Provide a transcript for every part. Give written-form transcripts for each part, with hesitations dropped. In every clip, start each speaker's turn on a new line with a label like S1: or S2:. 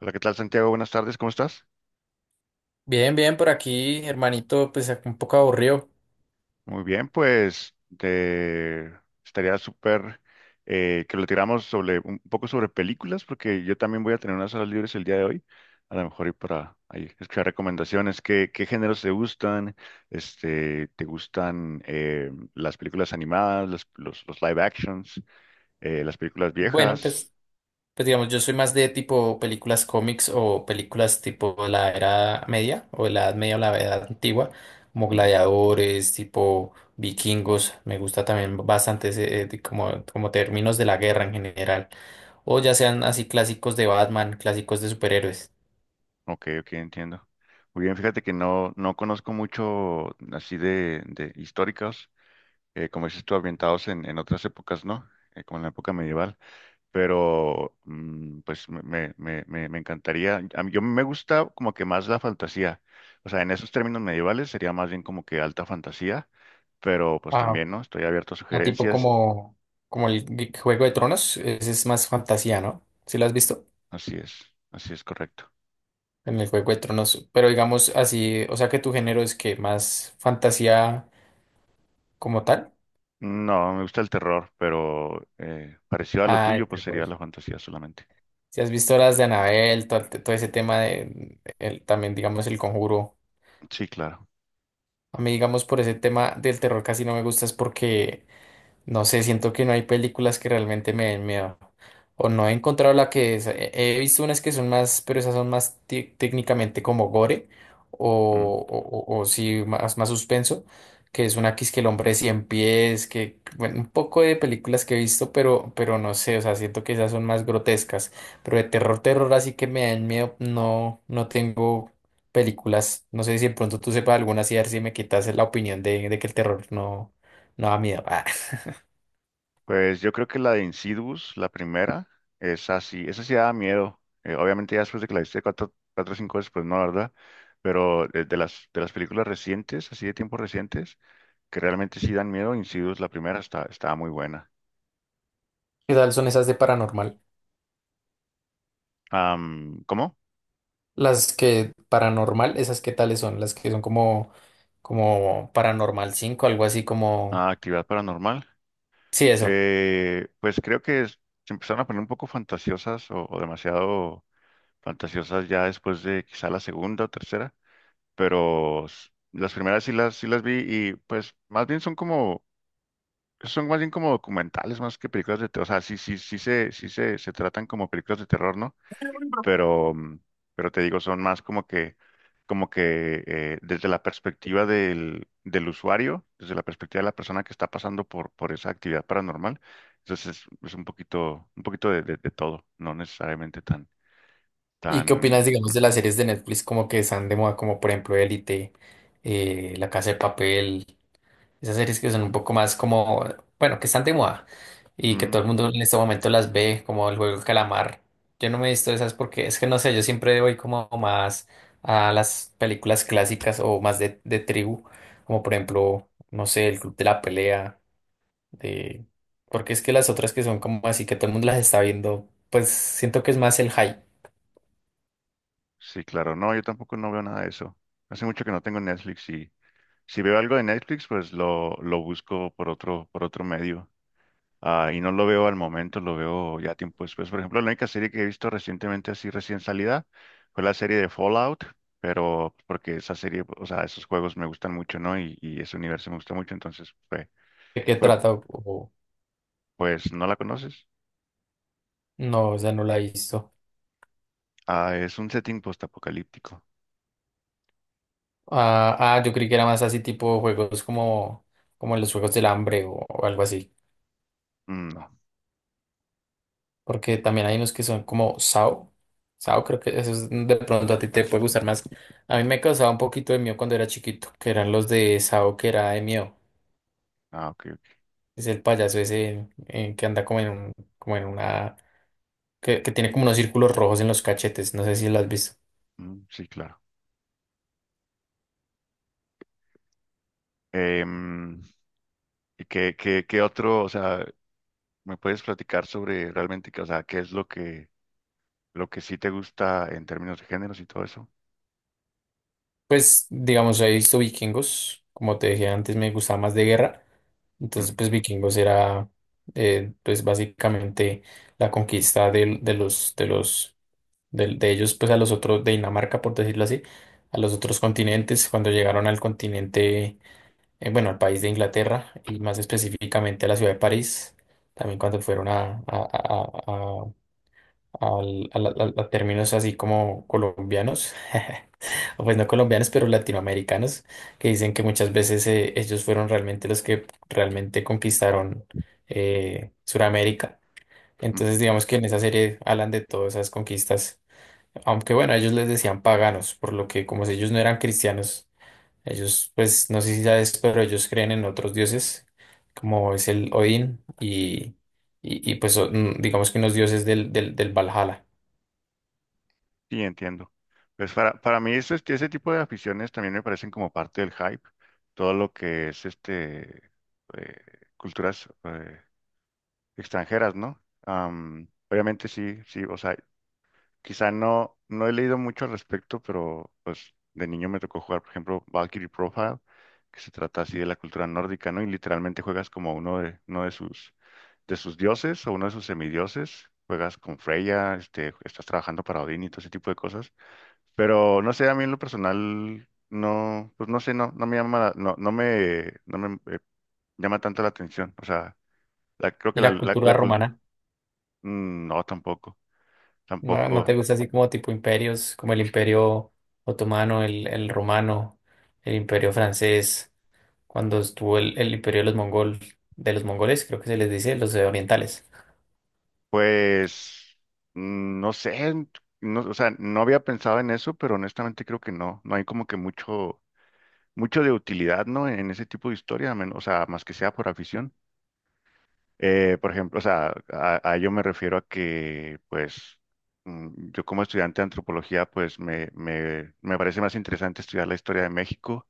S1: Hola, ¿qué tal, Santiago? Buenas tardes, ¿cómo estás?
S2: Bien, bien, por aquí, hermanito, pues un poco aburrido.
S1: Muy bien, pues te... estaría súper que lo tiramos sobre un poco sobre películas, porque yo también voy a tener unas horas libres el día de hoy, a lo mejor ir para ahí, escuchar recomendaciones, qué géneros te gustan, este, te gustan las películas animadas, los live actions, las películas
S2: Bueno,
S1: viejas.
S2: pues digamos, yo soy más de tipo películas cómics o películas tipo la era media o la edad media o la edad antigua, como
S1: Mm,
S2: gladiadores, tipo vikingos. Me gusta también bastante ese, de como términos de la guerra en general. O ya sean así clásicos de Batman, clásicos de superhéroes.
S1: ok, ok, entiendo. Muy bien, fíjate que no conozco mucho así de históricas. Como dices tú, ambientados en otras épocas, ¿no? Como en la época medieval, pero pues me encantaría, a mí, yo me gusta como que más la fantasía, o sea, en esos términos medievales sería más bien como que alta fantasía, pero pues
S2: Ah,
S1: también, ¿no? Estoy abierto a
S2: a tipo
S1: sugerencias,
S2: como el Juego de Tronos, ese es más fantasía, ¿no? ¿Sí lo has visto?
S1: así es, así es, correcto.
S2: En el Juego de Tronos. Pero digamos así, o sea que tu género es que más fantasía como tal.
S1: No, me gusta el terror, pero parecido a lo
S2: Ah, de
S1: tuyo, pues
S2: terror.
S1: sería la fantasía solamente.
S2: Si has visto las de Annabelle, todo ese tema también digamos el conjuro.
S1: Sí, claro.
S2: A mí digamos por ese tema del terror casi no me gusta es porque no sé, siento que no hay películas que realmente me den miedo. O no he encontrado la que es. He visto unas que son más, pero esas son más técnicamente como gore. O sí, más suspenso. Que es una que es que el hombre de 100 pies. Que, bueno, un poco de películas que he visto, pero no sé. O sea, siento que esas son más grotescas. Pero de terror, terror, así que me dan miedo. No, no tengo películas. No sé si de pronto tú sepas alguna, así a ver si me quitas la opinión de que el terror no, no da miedo.
S1: Pues yo creo que la de Insidious, la primera, es así, esa sí daba miedo. Obviamente ya después de que la viste cuatro, cuatro o cinco veces, pues no, la ¿verdad? Pero de las películas recientes, así de tiempos recientes, que realmente sí dan miedo, Insidious, la primera, está, estaba muy buena.
S2: ¿Qué tal son esas de paranormal?
S1: Am, ¿cómo?
S2: Las que paranormal, esas qué tales son, las que son como Paranormal 5, algo así como,
S1: Ah, actividad paranormal.
S2: sí, eso.
S1: Pues creo que se empezaron a poner un poco fantasiosas o demasiado fantasiosas ya después de quizá la segunda o tercera. Pero las primeras sí sí las vi y pues más bien son como, son más bien como documentales más que películas de terror, o sea, sí se tratan como películas de terror, ¿no? Pero, mm, pero te digo, son más como que desde la perspectiva del usuario, desde la perspectiva de la persona que está pasando por esa actividad paranormal, entonces es un poquito de todo, no necesariamente tan,
S2: ¿Y qué
S1: tan...
S2: opinas, digamos, de
S1: ujú,
S2: las series de Netflix como que están de moda, como por ejemplo Élite, La Casa de Papel? Esas series que son un poco más como, bueno, que están de moda y que
S1: ujú.
S2: todo el mundo en este momento las ve, como el juego del calamar. Yo no me he visto esas porque es que no sé, yo siempre voy como más a las películas clásicas o más de tribu, como por ejemplo, no sé, el Club de la Pelea, de... porque es que las otras que son como así que todo el mundo las está viendo, pues siento que es más el hype
S1: Sí, claro. No, yo tampoco no veo nada de eso. Hace mucho que no tengo Netflix, y si veo algo de Netflix, pues lo busco por otro medio. Ah, y no lo veo al momento, lo veo ya tiempo después. Por ejemplo, la única serie que he visto recientemente, así recién salida, fue la serie de Fallout, pero porque esa serie, o sea, esos juegos me gustan mucho, ¿no? Y ese universo me gusta mucho, entonces fue,
S2: de qué
S1: fue,
S2: trata
S1: pues, ¿no la conoces?
S2: no, o sea, no la he visto.
S1: Ah, es un setting postapocalíptico.
S2: Ah, ah, yo creí que era más así tipo juegos como los juegos del hambre o algo así.
S1: Mm, no.
S2: Porque también hay unos que son como SAO. SAO creo que eso de pronto a ti te puede gustar más. A mí me causaba un poquito de miedo cuando era chiquito, que eran los de SAO que era de miedo.
S1: Ah, ok, ok.
S2: Es el payaso ese que anda como en una, que tiene como unos círculos rojos en los cachetes. No sé si lo has visto.
S1: Mm, sí, claro. Em, ¿y qué, qué, qué otro, o sea, me puedes platicar sobre realmente, que, o sea, qué es lo que sí te gusta en términos de géneros y todo eso?
S2: Pues, digamos, he visto vikingos, como te dije antes, me gustaba más de guerra.
S1: Mm,
S2: Entonces, pues vikingos era, pues básicamente la conquista de ellos, pues a los otros, de Dinamarca, por decirlo así, a los otros continentes, cuando llegaron al continente, bueno, al país de Inglaterra y más específicamente a la ciudad de París, también cuando fueron a, al- a, la- a términos así como colombianos, o pues no colombianos, pero latinoamericanos, que dicen que muchas veces ellos fueron realmente los que realmente conquistaron Suramérica.
S1: mm,
S2: Entonces, digamos que en esa serie hablan de todas esas conquistas, aunque bueno, ellos les decían paganos, por lo que como si ellos no eran cristianos, ellos, pues no sé si sabes, pero ellos creen en otros dioses, como es el Odín y, pues digamos que unos dioses del Valhalla.
S1: sí, entiendo. Pues para mí eso, este, ese tipo de aficiones también me parecen como parte del hype. Todo lo que es este eh, culturas extranjeras, ¿no? Am, obviamente sí, sí, o sea, quizá no, no he leído mucho al respecto, pero pues de niño me tocó jugar, por ejemplo, Valkyrie Profile, que se trata así de la cultura nórdica, ¿no? Y literalmente juegas como uno uno de sus dioses o uno de sus semidioses. Juegas con Freya, este, estás trabajando para Odín y todo ese tipo de cosas. Pero no sé, a mí en lo personal, no, pues no sé, no, no me llama, no me, no me llama tanto la atención. O sea, creo que
S2: ¿Y la cultura
S1: la
S2: romana?
S1: mm, no, tampoco,
S2: ¿No, no
S1: tampoco.
S2: te gusta así como tipo imperios, como el imperio otomano, el romano, el imperio francés, cuando estuvo el imperio de los mongoles, creo que se les dice, los orientales,
S1: Pues mm, no sé, no, o sea, no había pensado en eso, pero honestamente creo que no, no hay como que mucho, mucho de utilidad, ¿no? En ese tipo de historia, o sea, más que sea por afición. Por ejemplo, o sea, a ello me refiero a que, pues, mm, yo como estudiante de antropología, pues, me parece más interesante estudiar la historia de México,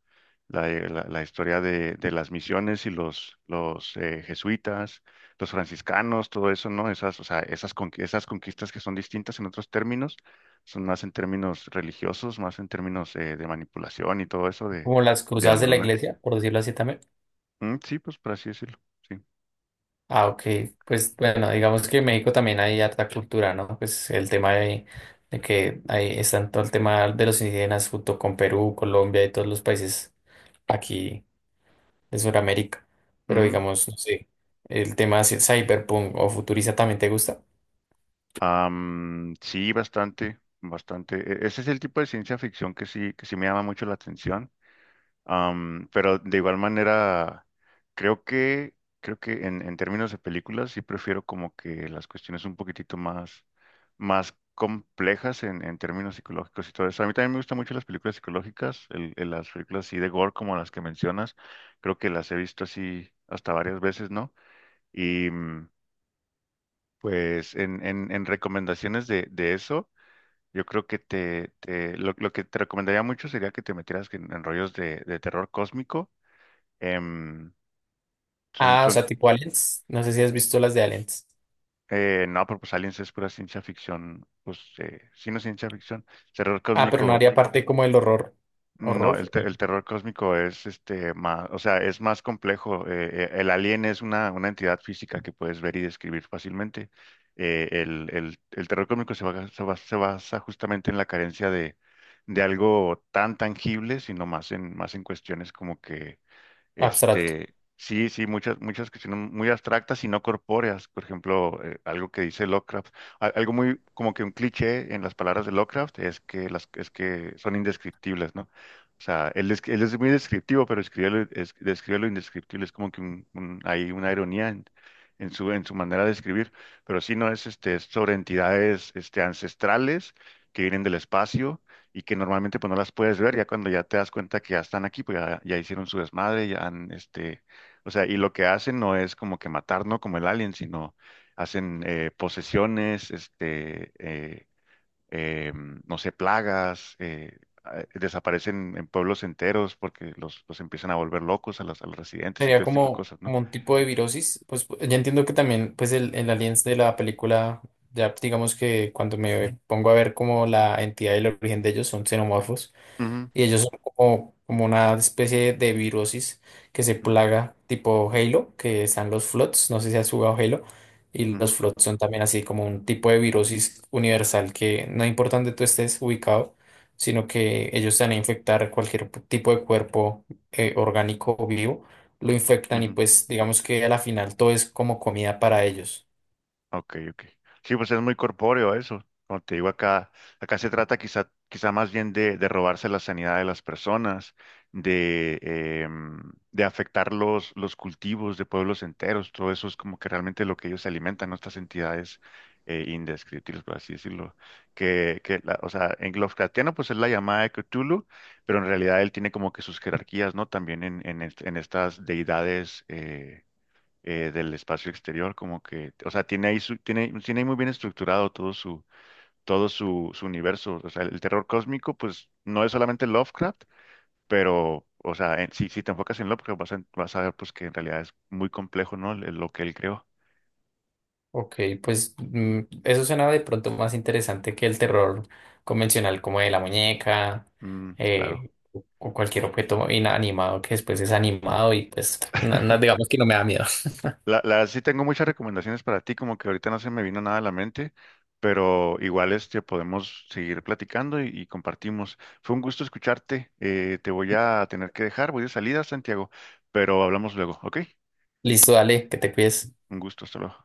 S1: la historia de las misiones y los jesuitas, los franciscanos, todo eso, ¿no? Esas, o sea, esas, esas conquistas que son distintas en otros términos, son más en términos religiosos, más en términos de manipulación y todo eso
S2: como las
S1: de
S2: cruzadas de la
S1: hambruna.
S2: iglesia, por decirlo así también.
S1: Mm, sí, pues, por así decirlo, sí.
S2: Ah, ok, pues bueno, digamos que en México también hay harta cultura, ¿no? Pues el tema de que ahí están todo el tema de los indígenas junto con Perú, Colombia y todos los países aquí de Sudamérica. Pero digamos, no sé, el tema así, cyberpunk o futurista también te gusta.
S1: Am, sí, bastante, bastante. Ese es el tipo de ciencia ficción que sí me llama mucho la atención. Am, pero de igual manera, creo que, creo que en términos de películas sí prefiero como que las cuestiones un poquitito más, más complejas en términos psicológicos y todo eso. A mí también me gustan mucho las películas psicológicas, las películas así de gore como las que mencionas. Creo que las he visto así hasta varias veces, ¿no? Y mm, pues en recomendaciones de eso. Yo creo que lo que te recomendaría mucho sería que te metieras en rollos de terror cósmico. Em, son,
S2: Ah, o
S1: son,
S2: sea, tipo Aliens. No sé si has visto las de Aliens.
S1: no, pero pues Aliens es pura ciencia ficción, pues sí, no es ciencia ficción. Terror
S2: Ah, pero no
S1: cósmico.
S2: haría parte como del horror.
S1: No,
S2: Horror
S1: el terror cósmico es este más, o sea, es más complejo. El alien es una entidad física que puedes ver y describir fácilmente. El terror cósmico se basa justamente en la carencia de algo tan tangible, sino más en, más en cuestiones como que
S2: abstracto.
S1: este, sí, sí, muchas, muchas cuestiones muy abstractas y no corpóreas. Por ejemplo, algo que dice Lovecraft, algo muy como que un cliché en las palabras de Lovecraft es que las, es que son indescriptibles, ¿no? O sea, él, él es muy descriptivo, pero escribe lo, describe lo indescriptible. Es como que hay una ironía en su manera de escribir. Pero sí, no es, este, es sobre entidades, este, ancestrales que vienen del espacio y que normalmente pues no las puedes ver, ya cuando ya te das cuenta que ya están aquí, pues ya, ya hicieron su desmadre, ya han, este, o sea, y lo que hacen no es como que matar, no como el alien, sino hacen posesiones, este, no sé, plagas, desaparecen en pueblos enteros porque los empiezan a volver locos a a los residentes y
S2: Sería
S1: todo ese tipo de
S2: como,
S1: cosas, ¿no?
S2: como un tipo de virosis. Pues ya entiendo que también, pues el Aliens de la película, ya digamos que cuando me pongo a ver como la entidad y el origen de ellos son xenomorfos.
S1: Ujú,
S2: Y ellos son como una especie de virosis que se plaga tipo Halo, que están los Floods, no sé si has jugado Halo, y
S1: ujú,
S2: los Floods son también así como un tipo de virosis universal que no importa dónde tú estés ubicado, sino que ellos te van a infectar cualquier tipo de cuerpo orgánico o vivo, lo
S1: ujú,
S2: infectan y
S1: ujú.
S2: pues digamos que a la final todo es como comida para ellos.
S1: Ok, ok. Sí, pues es muy corpóreo eso. Como te digo acá, acá se trata quizá, quizá más bien de robarse la sanidad de las personas, de, em, de afectar los cultivos de pueblos enteros. Todo eso es como que realmente lo que ellos se alimentan, ¿no? Estas entidades indescriptibles, por así decirlo. Que o sea, en lovecraftiano pues es la llamada de Cthulhu, pero en realidad él tiene como que sus jerarquías, ¿no? También en, en estas deidades del espacio exterior, como que, o sea, tiene, tiene ahí muy bien estructurado todo su, su universo. O sea, el terror cósmico, pues, no es solamente Lovecraft, pero, o sea, si, si te enfocas en Lovecraft, vas a, vas a ver, pues, que en realidad es muy complejo, ¿no? Lo que él creó.
S2: Ok, pues eso suena de pronto más interesante que el terror convencional como de la muñeca
S1: Mm, claro.
S2: o cualquier objeto inanimado que después es animado y pues digamos que no me da miedo.
S1: Sí tengo muchas recomendaciones para ti, como que ahorita no se me vino nada a la mente, pero igual este podemos seguir platicando y compartimos. Fue un gusto escucharte. Te voy a tener que dejar, voy de salida, Santiago, pero hablamos luego, ¿ok?
S2: Listo, dale, que te cuides.
S1: Un gusto, hasta luego.